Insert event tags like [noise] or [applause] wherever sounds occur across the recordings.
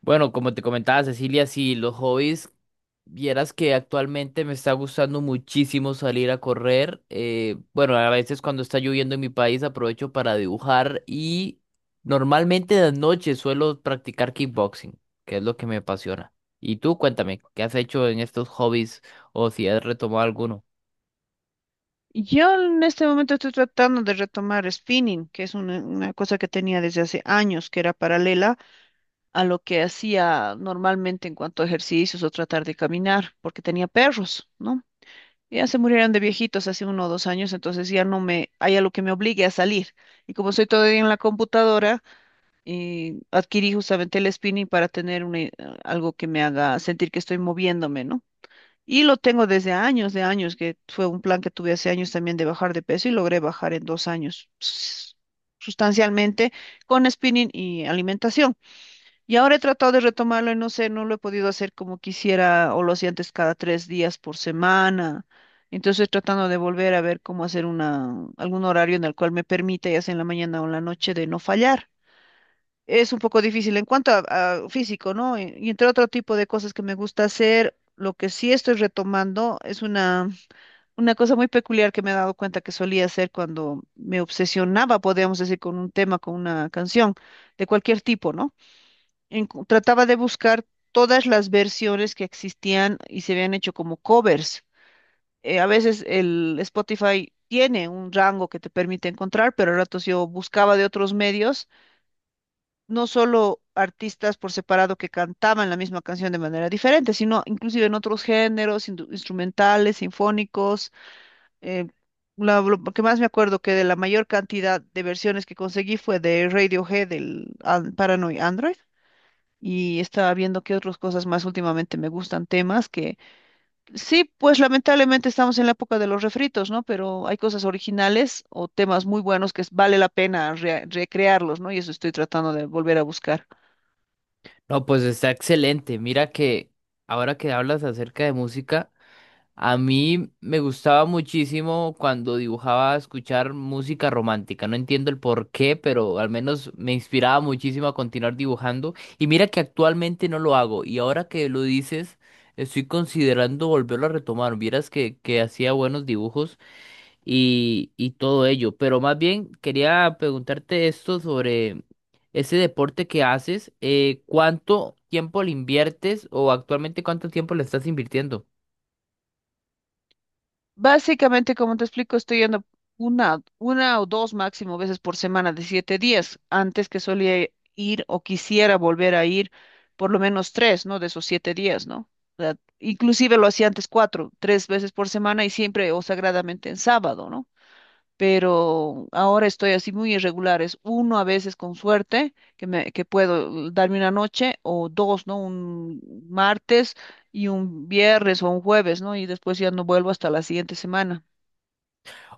Bueno, como te comentaba Cecilia, sí, los hobbies, vieras que actualmente me está gustando muchísimo salir a correr. Bueno, a veces cuando está lloviendo en mi país aprovecho para dibujar y normalmente de noche suelo practicar kickboxing, que es lo que me apasiona. Y tú, cuéntame, ¿qué has hecho en estos hobbies o si has retomado alguno? Yo en este momento estoy tratando de retomar spinning, que es una cosa que tenía desde hace años, que era paralela a lo que hacía normalmente en cuanto a ejercicios o tratar de caminar, porque tenía perros, ¿no? Ya se murieron de viejitos hace 1 o 2 años, entonces ya no me, hay algo que me obligue a salir. Y como soy todavía en la computadora, adquirí justamente el spinning para tener algo que me haga sentir que estoy moviéndome, ¿no? Y lo tengo desde años, de años, que fue un plan que tuve hace años también de bajar de peso y logré bajar en 2 años sustancialmente con spinning y alimentación. Y ahora he tratado de retomarlo y no sé, no lo he podido hacer como quisiera o lo hacía antes cada 3 días por semana. Entonces estoy tratando de volver a ver cómo hacer una, algún horario en el cual me permita, ya sea en la mañana o en la noche, de no fallar, es un poco difícil en cuanto a físico, ¿no? Y entre otro tipo de cosas que me gusta hacer, lo que sí estoy retomando es una cosa muy peculiar que me he dado cuenta que solía hacer cuando me obsesionaba, podríamos decir, con un tema, con una canción de cualquier tipo, ¿no? Trataba de buscar todas las versiones que existían y se habían hecho como covers. A veces el Spotify tiene un rango que te permite encontrar, pero a ratos yo buscaba de otros medios, no solo artistas por separado que cantaban la misma canción de manera diferente, sino inclusive en otros géneros, instrumentales, sinfónicos. eh, lo que más me acuerdo que de la mayor cantidad de versiones que conseguí fue de Radiohead, del Paranoid Android. Y estaba viendo qué otras cosas más últimamente me gustan, temas que sí, pues lamentablemente estamos en la época de los refritos, ¿no? Pero hay cosas originales o temas muy buenos que vale la pena recrearlos, ¿no? Y eso estoy tratando de volver a buscar. No, pues está excelente. Mira que ahora que hablas acerca de música. A mí me gustaba muchísimo cuando dibujaba escuchar música romántica. No entiendo el por qué, pero al menos me inspiraba muchísimo a continuar dibujando. Y mira que actualmente no lo hago. Y ahora que lo dices, estoy considerando volverlo a retomar. Vieras que hacía buenos dibujos y todo ello. Pero más bien quería preguntarte esto sobre ese deporte que haces. ¿Cuánto tiempo le inviertes o actualmente cuánto tiempo le estás invirtiendo? Básicamente, como te explico, estoy yendo una o dos máximo veces por semana de 7 días. Antes que solía ir o quisiera volver a ir por lo menos tres, ¿no? De esos 7 días, ¿no? O sea, inclusive lo hacía antes cuatro, tres veces por semana y siempre o sagradamente en sábado, ¿no? Pero ahora estoy así muy irregulares, uno a veces con suerte que me que puedo darme una noche o dos, ¿no? Un martes y un viernes o un jueves, ¿no? Y después ya no vuelvo hasta la siguiente semana.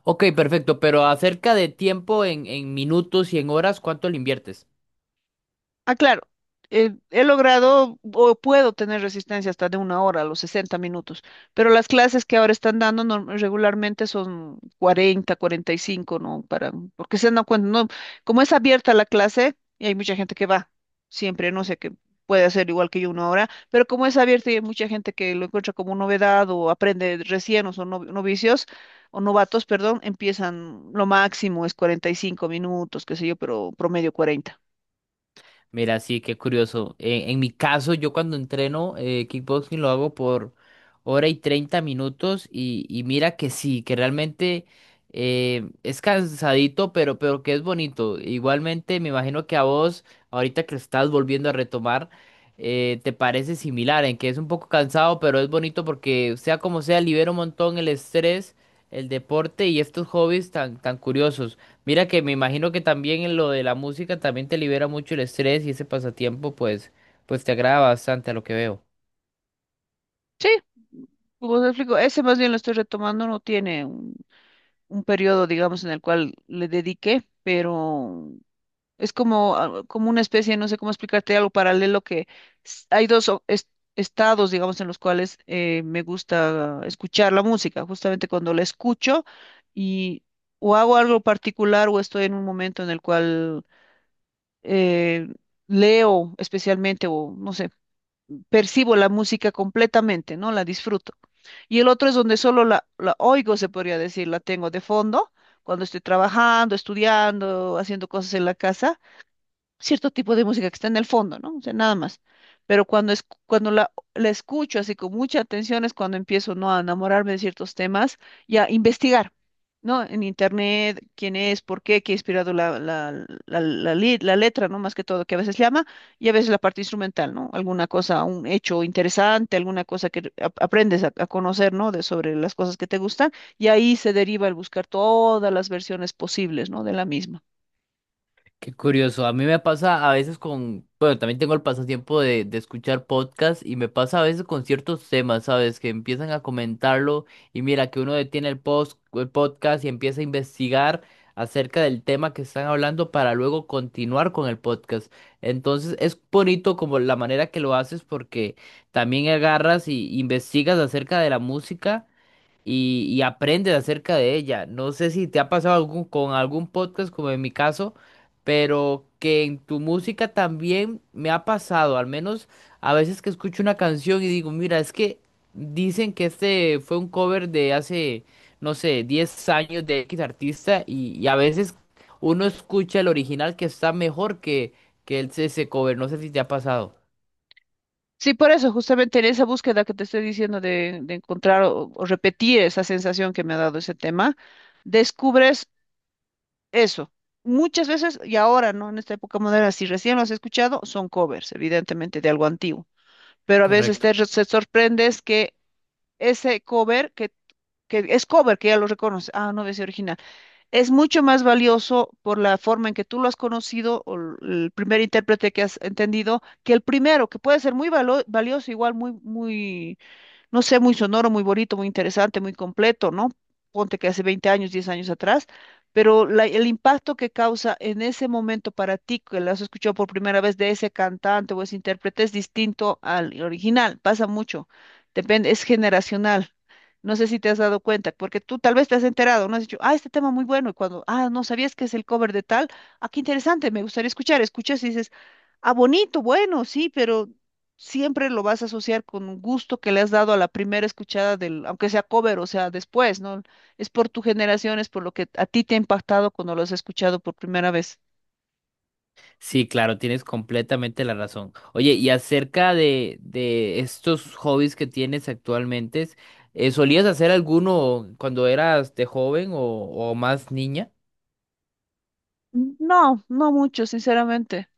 Ok, perfecto, pero acerca de tiempo en minutos y en horas, ¿cuánto le inviertes? Ah, claro. He logrado o puedo tener resistencia hasta de 1 hora, a los 60 minutos, pero las clases que ahora están dando regularmente son 40, 45, ¿no? Para, porque se dan cuenta, ¿no? Como es abierta la clase, y hay mucha gente que va siempre, no sé, que puede hacer igual que yo 1 hora, pero como es abierta y hay mucha gente que lo encuentra como novedad o aprende recién o son novicios o novatos, perdón, empiezan, lo máximo es 45 minutos, qué sé yo, pero promedio 40. Mira, sí, qué curioso. En mi caso, yo cuando entreno kickboxing lo hago por hora y 30 minutos y mira que sí, que realmente es cansadito, pero que es bonito. Igualmente, me imagino que a vos, ahorita que lo estás volviendo a retomar, te parece similar, en que es un poco cansado, pero es bonito porque sea como sea, libera un montón el estrés, el deporte y estos hobbies tan, tan curiosos. Mira que me imagino que también en lo de la música también te libera mucho el estrés y ese pasatiempo pues te agrada bastante a lo que veo. Sí, como te explico, ese más bien lo estoy retomando, no tiene un periodo, digamos, en el cual le dediqué, pero es como, ah, como una especie, no sé cómo explicarte, algo paralelo que hay dos estados, digamos, en los cuales me gusta escuchar la música, justamente cuando la escucho y o hago algo particular o estoy en un momento en el cual eh, leo especialmente o, no sé, percibo la música completamente, ¿no? La disfruto. Y el otro es donde solo la oigo, se podría decir, la tengo de fondo, cuando estoy trabajando, estudiando, haciendo cosas en la casa, cierto tipo de música que está en el fondo, ¿no? O sea, nada más. Pero cuando, es, cuando la escucho así con mucha atención es cuando empiezo, ¿no? A enamorarme de ciertos temas y a investigar, ¿no? En internet, quién es, por qué, qué ha inspirado la letra, ¿no? Más que todo, que a veces llama y a veces la parte instrumental, ¿no? Alguna cosa, un hecho interesante, alguna cosa que aprendes a conocer, ¿no? De, sobre las cosas que te gustan y ahí se deriva el buscar todas las versiones posibles, ¿no? De la misma. Qué curioso. A mí me pasa a veces con, bueno, también tengo el pasatiempo de escuchar podcasts y me pasa a veces con ciertos temas, ¿sabes? Que empiezan a comentarlo y mira que uno detiene el post, el podcast y empieza a investigar acerca del tema que están hablando para luego continuar con el podcast. Entonces es bonito como la manera que lo haces porque también agarras y investigas acerca de la música y aprendes acerca de ella. No sé si te ha pasado algún- con algún podcast, como en mi caso, pero que en tu música también me ha pasado, al menos a veces que escucho una canción y digo, mira, es que dicen que este fue un cover de hace, no sé, 10 años de X artista y a veces uno escucha el original que está mejor que el, ese cover. No sé si te ha pasado. Sí, por eso, justamente en esa búsqueda que te estoy diciendo de encontrar o repetir esa sensación que me ha dado ese tema, descubres eso. Muchas veces, y ahora, ¿no? En esta época moderna, si recién lo has escuchado, son covers, evidentemente, de algo antiguo. Pero a veces Correcto. te, te sorprendes que ese cover, que es cover, que ya lo reconoces, ah, no, es original. Es mucho más valioso por la forma en que tú lo has conocido o el primer intérprete que has entendido que el primero, que puede ser muy valioso, igual muy, muy, no sé, muy sonoro, muy bonito, muy interesante, muy completo, ¿no? Ponte que hace 20 años, 10 años atrás, pero el impacto que causa en ese momento para ti, que lo has escuchado por primera vez de ese cantante o ese intérprete, es distinto al original, pasa mucho, depende, es generacional. No sé si te has dado cuenta, porque tú tal vez te has enterado, no has dicho, ah, este tema muy bueno, y cuando, ah, no sabías que es el cover de tal, ah, qué interesante, me gustaría escuchar, escuchas y dices, ah, bonito, bueno, sí, pero siempre lo vas a asociar con un gusto que le has dado a la primera escuchada del, aunque sea cover, o sea, después, ¿no? Es por tu generación, es por lo que a ti te ha impactado cuando lo has escuchado por primera vez. Sí, claro, tienes completamente la razón. Oye, y acerca de estos hobbies que tienes actualmente, ¿solías hacer alguno cuando eras de joven o más niña? No, no mucho, sinceramente.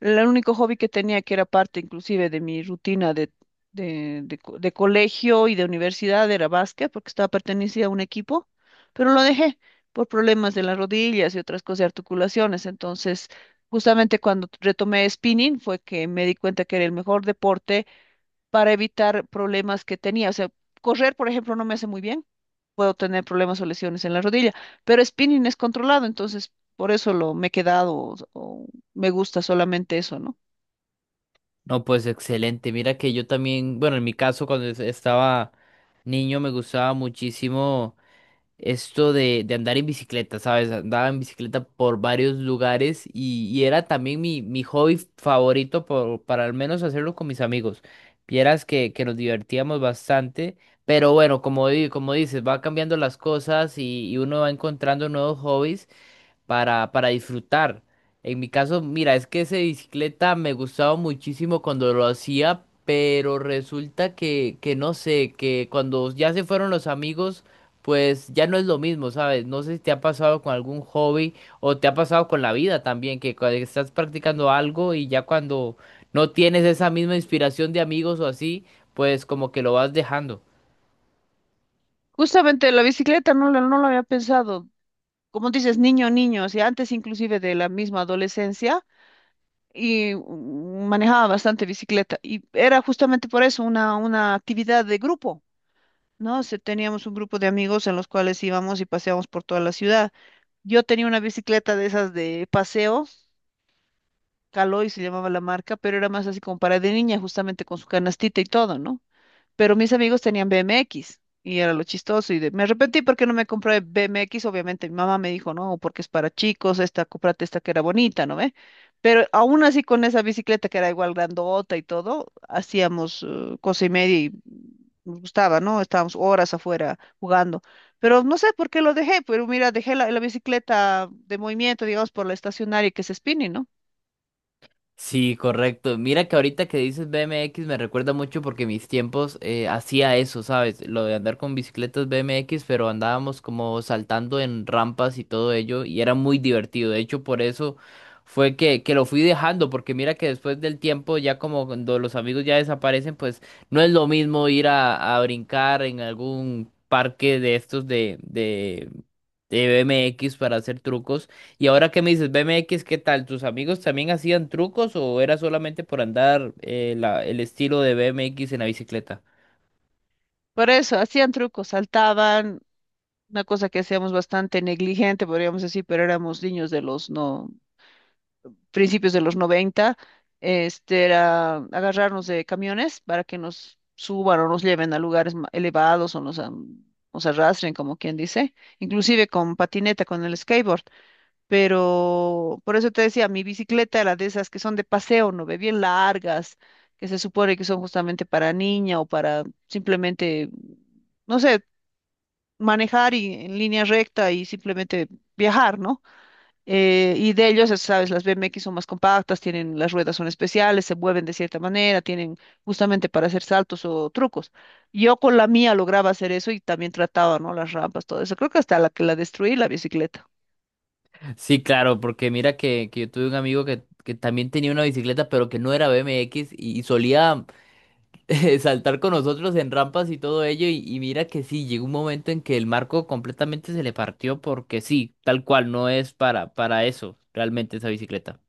El único hobby que tenía, que era parte inclusive de mi rutina de colegio y de universidad, era básquet, porque estaba pertenecía a un equipo, pero lo dejé por problemas de las rodillas y otras cosas de articulaciones. Entonces, justamente cuando retomé spinning fue que me di cuenta que era el mejor deporte para evitar problemas que tenía. O sea, correr, por ejemplo, no me hace muy bien, puedo tener problemas o lesiones en la rodilla, pero spinning es controlado, entonces por eso lo me he quedado o me gusta solamente eso, ¿no? No, pues excelente. Mira que yo también, bueno, en mi caso, cuando es- estaba niño me gustaba muchísimo. Esto de andar en bicicleta, ¿sabes? Andaba en bicicleta por varios lugares y era también mi hobby favorito por- para al menos hacerlo con mis amigos. Vieras que nos divertíamos bastante, pero bueno, como, di- como dices, va cambiando las cosas y uno va encontrando nuevos hobbies para disfrutar. En mi caso, mira, es que esa bicicleta me gustaba muchísimo cuando lo hacía, pero resulta que no sé, que cuando ya se fueron los amigos, pues ya no es lo mismo, ¿sabes? No sé si te ha pasado con algún hobby o te ha pasado con la vida también, que cuando estás practicando algo y ya cuando no tienes esa misma inspiración de amigos o así, pues como que lo vas dejando. Justamente la bicicleta no, no lo había pensado, como dices, niño, niño, y antes inclusive de la misma adolescencia y manejaba bastante bicicleta y era justamente por eso una actividad de grupo. ¿No? Teníamos un grupo de amigos en los cuales íbamos y paseábamos por toda la ciudad. Yo tenía una bicicleta de esas de paseo, Caloy se llamaba la marca, pero era más así como para de niña, justamente con su canastita y todo, ¿no? Pero mis amigos tenían BMX y era lo chistoso y me arrepentí porque no me compré BMX, obviamente mi mamá me dijo, no, porque es para chicos, esta, cómprate esta que era bonita, ¿no ve? Pero aún así con esa bicicleta que era igual grandota y todo, hacíamos cosa y media y nos gustaba, ¿no? Estábamos horas afuera jugando. Pero no sé por qué lo dejé, pero mira, dejé la bicicleta de movimiento, digamos, por la estacionaria que es spinning, ¿no? Sí, correcto. Mira que ahorita que dices BMX me recuerda mucho porque mis tiempos hacía eso, ¿sabes? Lo de andar con bicicletas BMX, pero andábamos como saltando en rampas y todo ello y era muy divertido. De hecho, por eso fue que lo fui dejando, porque mira que después del tiempo, ya como cuando los amigos ya desaparecen, pues no es lo mismo ir a brincar en algún parque de estos de BMX para hacer trucos y ahora que me dices BMX, ¿qué tal? ¿Tus amigos también hacían trucos o era solamente por andar la- el estilo de BMX en la bicicleta? Por eso, hacían trucos, saltaban, una cosa que hacíamos bastante negligente, podríamos decir, pero éramos niños de los no, principios de los 90. Este era agarrarnos de camiones para que nos suban o nos lleven a lugares elevados o nos, nos arrastren, como quien dice, inclusive con patineta, con el skateboard. Pero por eso te decía, mi bicicleta era de esas que son de paseo, ¿no ve? Bien largas, que se supone que son justamente para niña o para simplemente no sé, manejar y en línea recta y simplemente viajar, ¿no? Y de ellos, ya sabes, las BMX son más compactas, tienen, las ruedas son especiales, se mueven de cierta manera, tienen justamente para hacer saltos o trucos. Yo con la mía lograba hacer eso y también trataba, ¿no? Las rampas, todo eso. Creo que hasta la que la destruí, la bicicleta. Sí, claro, porque mira que yo tuve un amigo que también tenía una bicicleta, pero que no era BMX y solía [laughs] saltar con nosotros en rampas y todo ello. Y mira que sí, llegó un momento en que el marco completamente se le partió porque sí, tal cual, no es para eso realmente esa bicicleta.